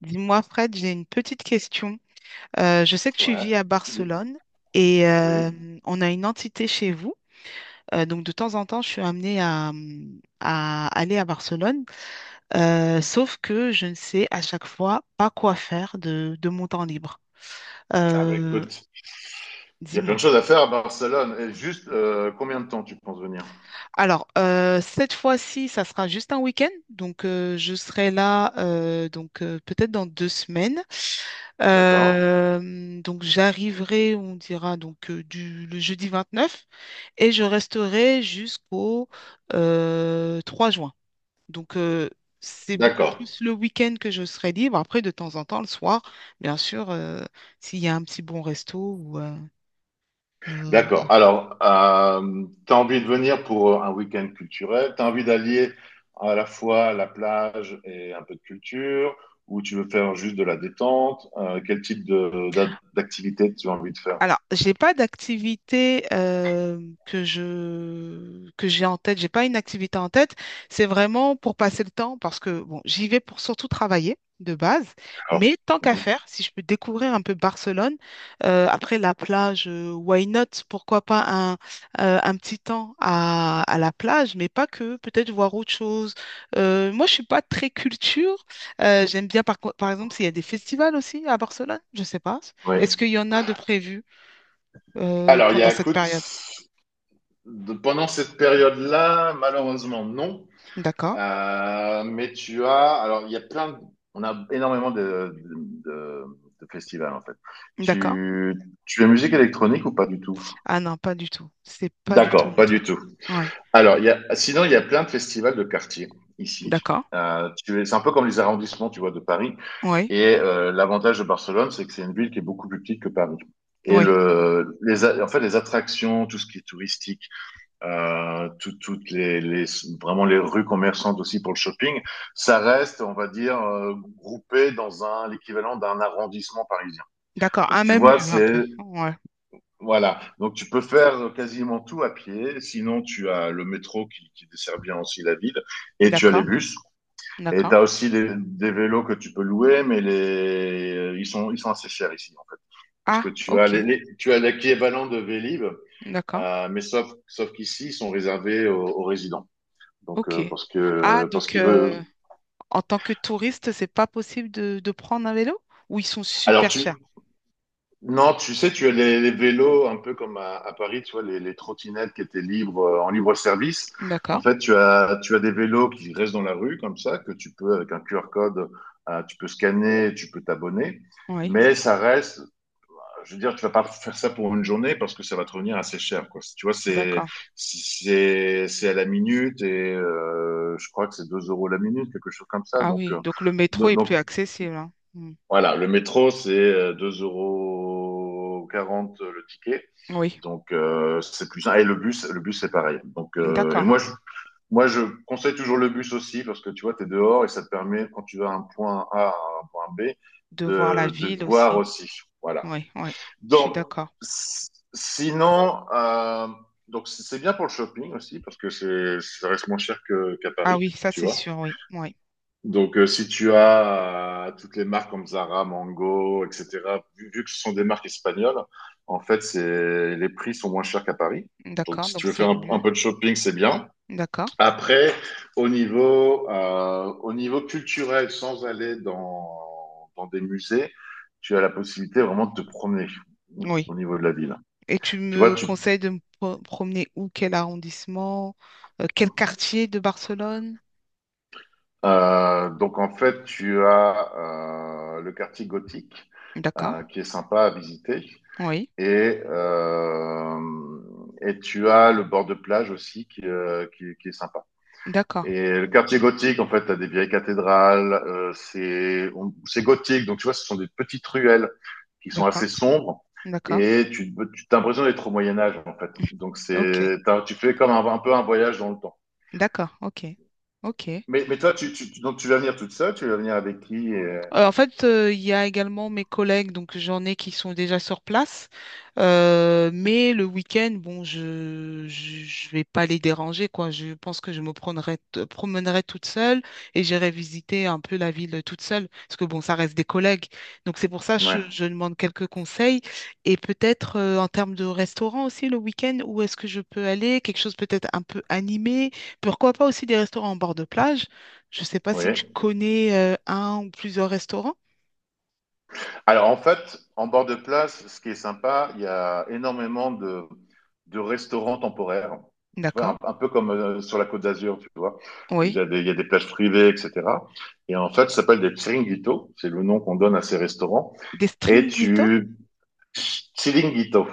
Dis-moi, Fred, j'ai une petite question. Je sais que tu Ouais, vis à oui, Barcelone et oui. on a une entité chez vous. Donc, de temps en temps, je suis amenée à aller à Barcelone. Sauf que je ne sais à chaque fois pas quoi faire de mon temps libre. Ah bah Euh, écoute, il y a plein de Dis-moi. choses à faire à Barcelone. Et juste, combien de temps tu penses venir? Cette fois-ci, ça sera juste un week-end. Donc, je serai là donc peut-être dans deux semaines. D'accord? Donc, j'arriverai, on dira, donc le jeudi 9 et je resterai jusqu'au 3 juin. Donc, c'est beaucoup D'accord, plus le week-end que je serai libre. Après, de temps en temps, le soir, bien sûr, s'il y a un petit bon resto ou euh, d'accord. Alors, tu as envie de venir pour un week-end culturel? Tu as envie d'allier à la fois la plage et un peu de culture? Ou tu veux faire juste de la détente? Quel type d'activité tu as envie de faire? alors, j'ai pas d'activité que j'ai en tête. J'ai pas une activité en tête. C'est vraiment pour passer le temps parce que bon, j'y vais pour surtout travailler de base. D'accord. Mais tant qu'à Mhm. faire, si je peux découvrir un peu Barcelone après la plage, why not? Pourquoi pas un un petit temps à la plage, mais pas que. Peut-être voir autre chose. Moi, je suis pas très culture. J'aime bien par exemple s'il y a des festivals aussi à Barcelone. Je sais pas. Oui. Est-ce qu'il y en a de prévus Alors, il y pendant a, cette écoute, période. Pendant cette période-là, malheureusement, non. D'accord. Alors il y a on a énormément de festivals en fait. D'accord. Tu, tu as musique électronique ou pas du tout? Ah non, pas du tout. C'est pas du tout D'accord, mon pas du truc. tout. Ouais. Alors sinon il y a plein de festivals de quartier ici. D'accord. C'est un peu comme les arrondissements, tu vois, de Paris. Ouais. Et l'avantage de Barcelone, c'est que c'est une ville qui est beaucoup plus petite que Paris. Et Ouais. En fait, les attractions, tout ce qui est touristique, toutes vraiment les rues commerçantes aussi pour le shopping, ça reste, on va dire, groupé dans un l'équivalent d'un arrondissement parisien. D'accord. Donc Ah, tu même vois, lui, un c'est peu. Ouais. voilà. Donc tu peux faire quasiment tout à pied. Sinon, tu as le métro qui dessert bien aussi la ville, et tu as D'accord. les bus. Et tu D'accord. as aussi des vélos que tu peux louer, mais ils sont assez chers ici, en fait. Parce que Ah, tu as ok. tu as l'équivalent de Vélib, D'accord. Mais sauf qu'ici, ils sont réservés aux résidents. Donc Ok. Parce Ah, que parce donc qu'il veut. En tant que touriste, c'est pas possible de prendre un vélo? Ou ils sont Alors super chers? tu non, tu sais, tu as les vélos un peu comme à Paris, tu vois les trottinettes qui étaient libres en libre service. En D'accord. fait, tu as des vélos qui restent dans la rue comme ça que tu peux avec un QR code, tu peux scanner, tu peux t'abonner. Oui. Mais ça reste, je veux dire, tu vas pas faire ça pour une journée parce que ça va te revenir assez cher, quoi. Tu vois, c'est D'accord. c'est c'est à la minute et je crois que c'est 2 € la minute, quelque chose comme ça. Ah Donc oui. euh, Donc le métro est plus donc accessible, hein. Hmm. voilà, le métro, c'est 2,40 € le ticket. Oui. Donc, c'est plus simple. Et le bus, c'est pareil. Donc, et D'accord. moi, je conseille toujours le bus aussi parce que tu vois, tu es dehors et ça te permet, quand tu vas à un point A à un point B, De voir la de ville voir aussi. aussi. Voilà. Oui, oui. Je suis Donc, d'accord. s- sinon, c'est bien pour le shopping aussi parce que ça reste moins cher qu'à Ah Paris, oui, ça tu c'est vois. sûr, oui. Oui. Donc, si tu as toutes les marques comme Zara, Mango, etc., vu que ce sont des marques espagnoles, en fait, les prix sont moins chers qu'à Paris. Donc, D'accord, si donc tu veux c'est faire mieux. un peu de shopping, c'est bien. D'accord. Après, au niveau culturel, sans aller dans des musées, tu as la possibilité vraiment de te promener Oui. au niveau de la ville. Et tu Tu vois, me conseilles de me promener où, quel arrondissement, quel quartier de Barcelone? Donc en fait, tu as le quartier gothique, D'accord. Qui est sympa à visiter. Oui. Et, euh, et tu as le bord de plage aussi qui est sympa. D'accord. Et le quartier gothique, en fait, t'as des vieilles cathédrales, c'est gothique, donc tu vois, ce sont des petites ruelles qui sont D'accord. assez sombres, D'accord. et t'as l'impression d'être au Moyen Âge, en fait. Donc Ok. Tu fais comme un peu un voyage dans le temps. D'accord. Ok. Ok. Mais toi, donc tu vas venir toute seule, tu vas venir avec qui. Il y a également mes collègues, donc j'en ai qui sont déjà sur place. Mais le week-end, bon, je je vais pas les déranger, quoi. Je pense que je promènerai toute seule et j'irai visiter un peu la ville toute seule, parce que bon, ça reste des collègues. Donc c'est pour ça que Ouais, je demande quelques conseils et peut-être en termes de restaurant aussi le week-end, où est-ce que je peux aller? Quelque chose peut-être un peu animé. Pourquoi pas aussi des restaurants en bord de plage? Je ne sais pas si tu oui. connais un ou plusieurs restaurants. Alors en fait, en bord de plage, ce qui est sympa, il y a énormément de restaurants temporaires. Tu vois, D'accord. Un peu comme sur la Côte d'Azur, tu vois. Il y Oui. a des, il y a des plages privées, etc. Et en fait, ça s'appelle des chiringuitos. C'est le nom qu'on donne à ces restaurants. Des Et stringhito? tu... Chiringuito.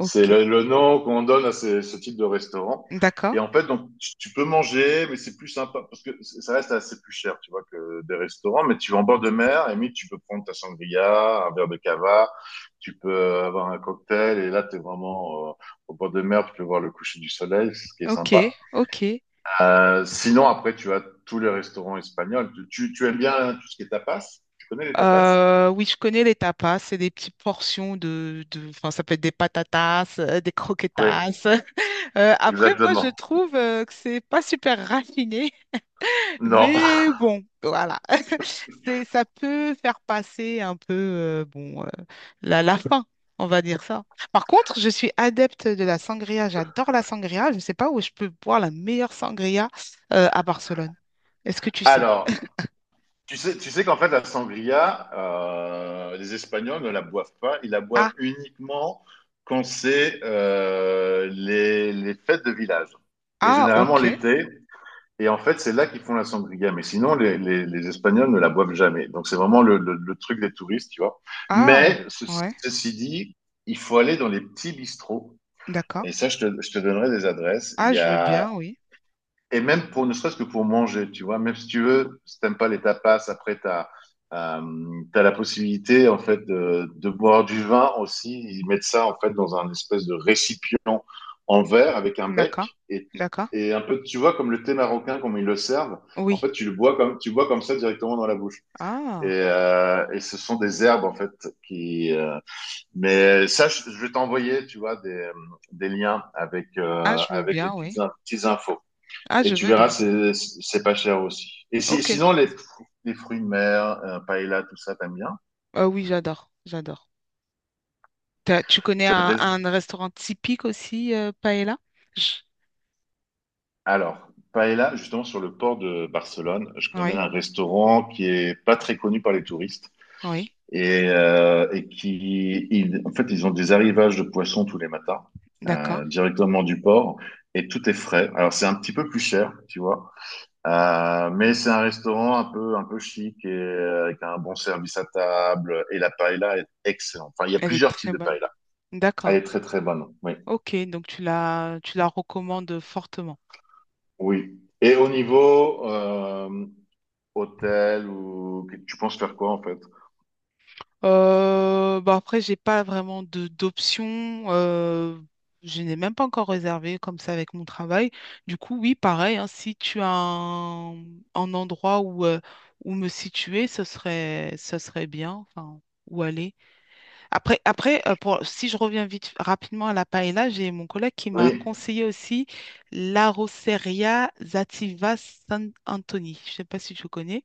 C'est le, le nom qu'on donne à ce type de restaurant. D'accord. Et en fait, donc, tu peux manger, mais c'est plus sympa parce que ça reste assez plus cher, tu vois, que des restaurants. Mais tu vas en bord de mer, et limite, tu peux prendre ta sangria, un verre de cava, tu peux avoir un cocktail, et là, tu es vraiment au bord de mer, tu peux voir le coucher du soleil, ce qui est Ok. sympa. Ok. Sinon, après, tu as tous les restaurants espagnols. Tu aimes bien tout ce qui est tapas? Tu connais les tapas? Oui, je connais les tapas. C'est des petites portions enfin, ça peut être des patatas, des Oui, croquetas. Après, moi, je exactement. trouve que c'est pas super raffiné. Non. Mais bon, voilà. C'est, ça peut faire passer un peu la faim, on va dire ça. Par contre, je suis adepte de la sangria. J'adore la sangria. Je ne sais pas où je peux boire la meilleure sangria à Barcelone. Est-ce que tu sais? Alors, tu sais qu'en fait, la sangria, les Espagnols ne la boivent pas. Ils la boivent Ah, uniquement quand c'est les fêtes de village. Et ah, généralement ok. l'été. Et en fait, c'est là qu'ils font la sangria. Mais sinon, les Espagnols ne la boivent jamais. Donc, c'est vraiment le truc des touristes, tu vois. Ah, Mais ouais, ceci dit, il faut aller dans les petits bistrots. d'accord. Et ça, je te donnerai des adresses. Il Ah, y je veux a bien, oui. Et même pour ne serait-ce que pour manger, tu vois, même si tu veux, si t'aimes pas les tapas, après euh, t'as la possibilité en fait de boire du vin aussi. Ils mettent ça en fait dans un espèce de récipient en verre avec un bec D'accord, et d'accord. et un peu, tu vois, comme le thé marocain, comme ils le servent, en fait, Oui. Tu bois comme ça directement dans la bouche. Et, Ah, euh, et ce sont des herbes, en fait, qui... euh, mais ça, je vais t'envoyer, tu vois, des liens avec, ah, je veux avec les bien, oui. petites, in- petites infos. Ah, Et je tu veux verras, bien. c'est pas cher aussi. Et si, Ok. sinon, les fruits de mer, paella, tout ça, t'aimes bien? Ah oui, j'adore, j'adore. T'as- tu connais Tu as testé- un restaurant typique aussi, Paella? Je- Alors, paella, justement, sur le port de Barcelone, je connais Oui, un restaurant qui est pas très connu par les touristes oui, et en fait, ils ont des arrivages de poissons tous les matins, d'accord. Directement du port et tout est frais. Alors, c'est un petit peu plus cher, tu vois. Mais c'est un restaurant un peu chic et avec un bon service à table. Et la paella est excellente. Enfin, il y a Elle est plusieurs types très de bonne. paella. Elle D'accord. est très, très bonne. Oui. Ok, donc tu la recommandes fortement. Oui. Et au niveau hôtel, ou tu penses faire quoi en fait? Bon après, j'ai pas vraiment de d'options. Je n'ai même pas encore réservé comme ça avec mon travail. Du coup, oui, pareil, hein, si tu as un endroit où, où me situer, ce serait bien. Enfin, où aller. Après, pour, si je reviens vite rapidement à la paella, j'ai mon collègue qui m'a Oui. conseillé aussi la Rosseria Zativa San Anthony. Je ne sais pas si tu connais.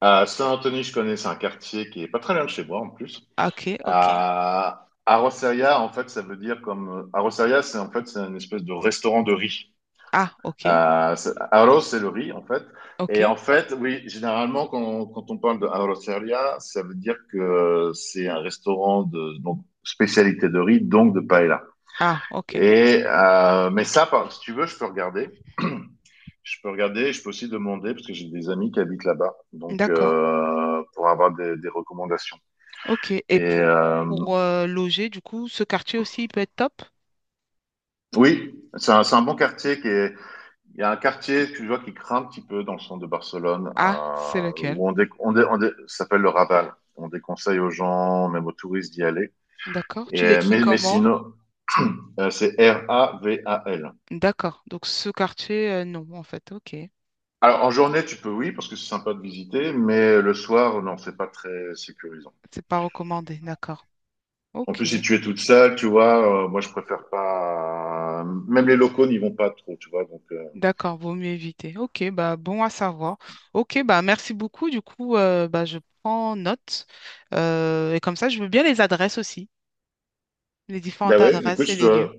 À Saint-Anthony, je connais, c'est un quartier qui est pas très loin de chez moi en plus. Ah, Ok, ok. À En fait, ça veut dire comme. À C'est en fait c'est une espèce de restaurant de riz. Ah, ok, Arroz, c'est le riz, en fait. ok. Et en fait, oui, généralement, quand on parle de arroceria, ça veut dire que c'est un restaurant de donc, spécialité de riz, donc de paella. Ah, ok. Et, mais ça, si tu veux, je peux regarder. Je peux regarder, je peux aussi demander, parce que j'ai des amis qui habitent là-bas, donc D'accord. Pour avoir des recommandations. Ok. Et Pour loger, du coup, ce quartier aussi, il peut être top? oui, c'est un bon quartier qui est. Il y a un quartier que je vois qui craint un petit peu dans le centre de Barcelone, Ah, c'est lequel? où on, dé- on, dé- on dé- ça s'appelle le Raval. On déconseille aux gens, même aux touristes, d'y aller. D'accord. Et, Tu l'écris mais comment? sinon, c'est Raval. D'accord. Donc, ce quartier, non, en fait. Ok. Alors, en journée, tu peux, oui, parce que c'est sympa de visiter, mais le soir, non, c'est pas très sécurisant. C'est pas recommandé. D'accord. En plus, Ok. si tu es toute seule, tu vois, moi, je préfère pas. Même les locaux n'y vont pas trop, tu vois. Donc, D'accord, vaut mieux éviter. Ok, bah bon à savoir. Ok, bah merci beaucoup. Du coup, bah, je prends note. Et comme ça, je veux bien les adresses aussi, les différentes ben ouais, mais écoute, adresses et les lieux.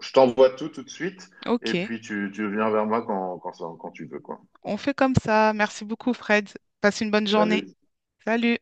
je t'envoie tout de suite, et Ok, puis tu viens vers moi quand tu veux, quoi. on fait comme ça. Merci beaucoup, Fred. Passe une bonne journée. Salut. Salut.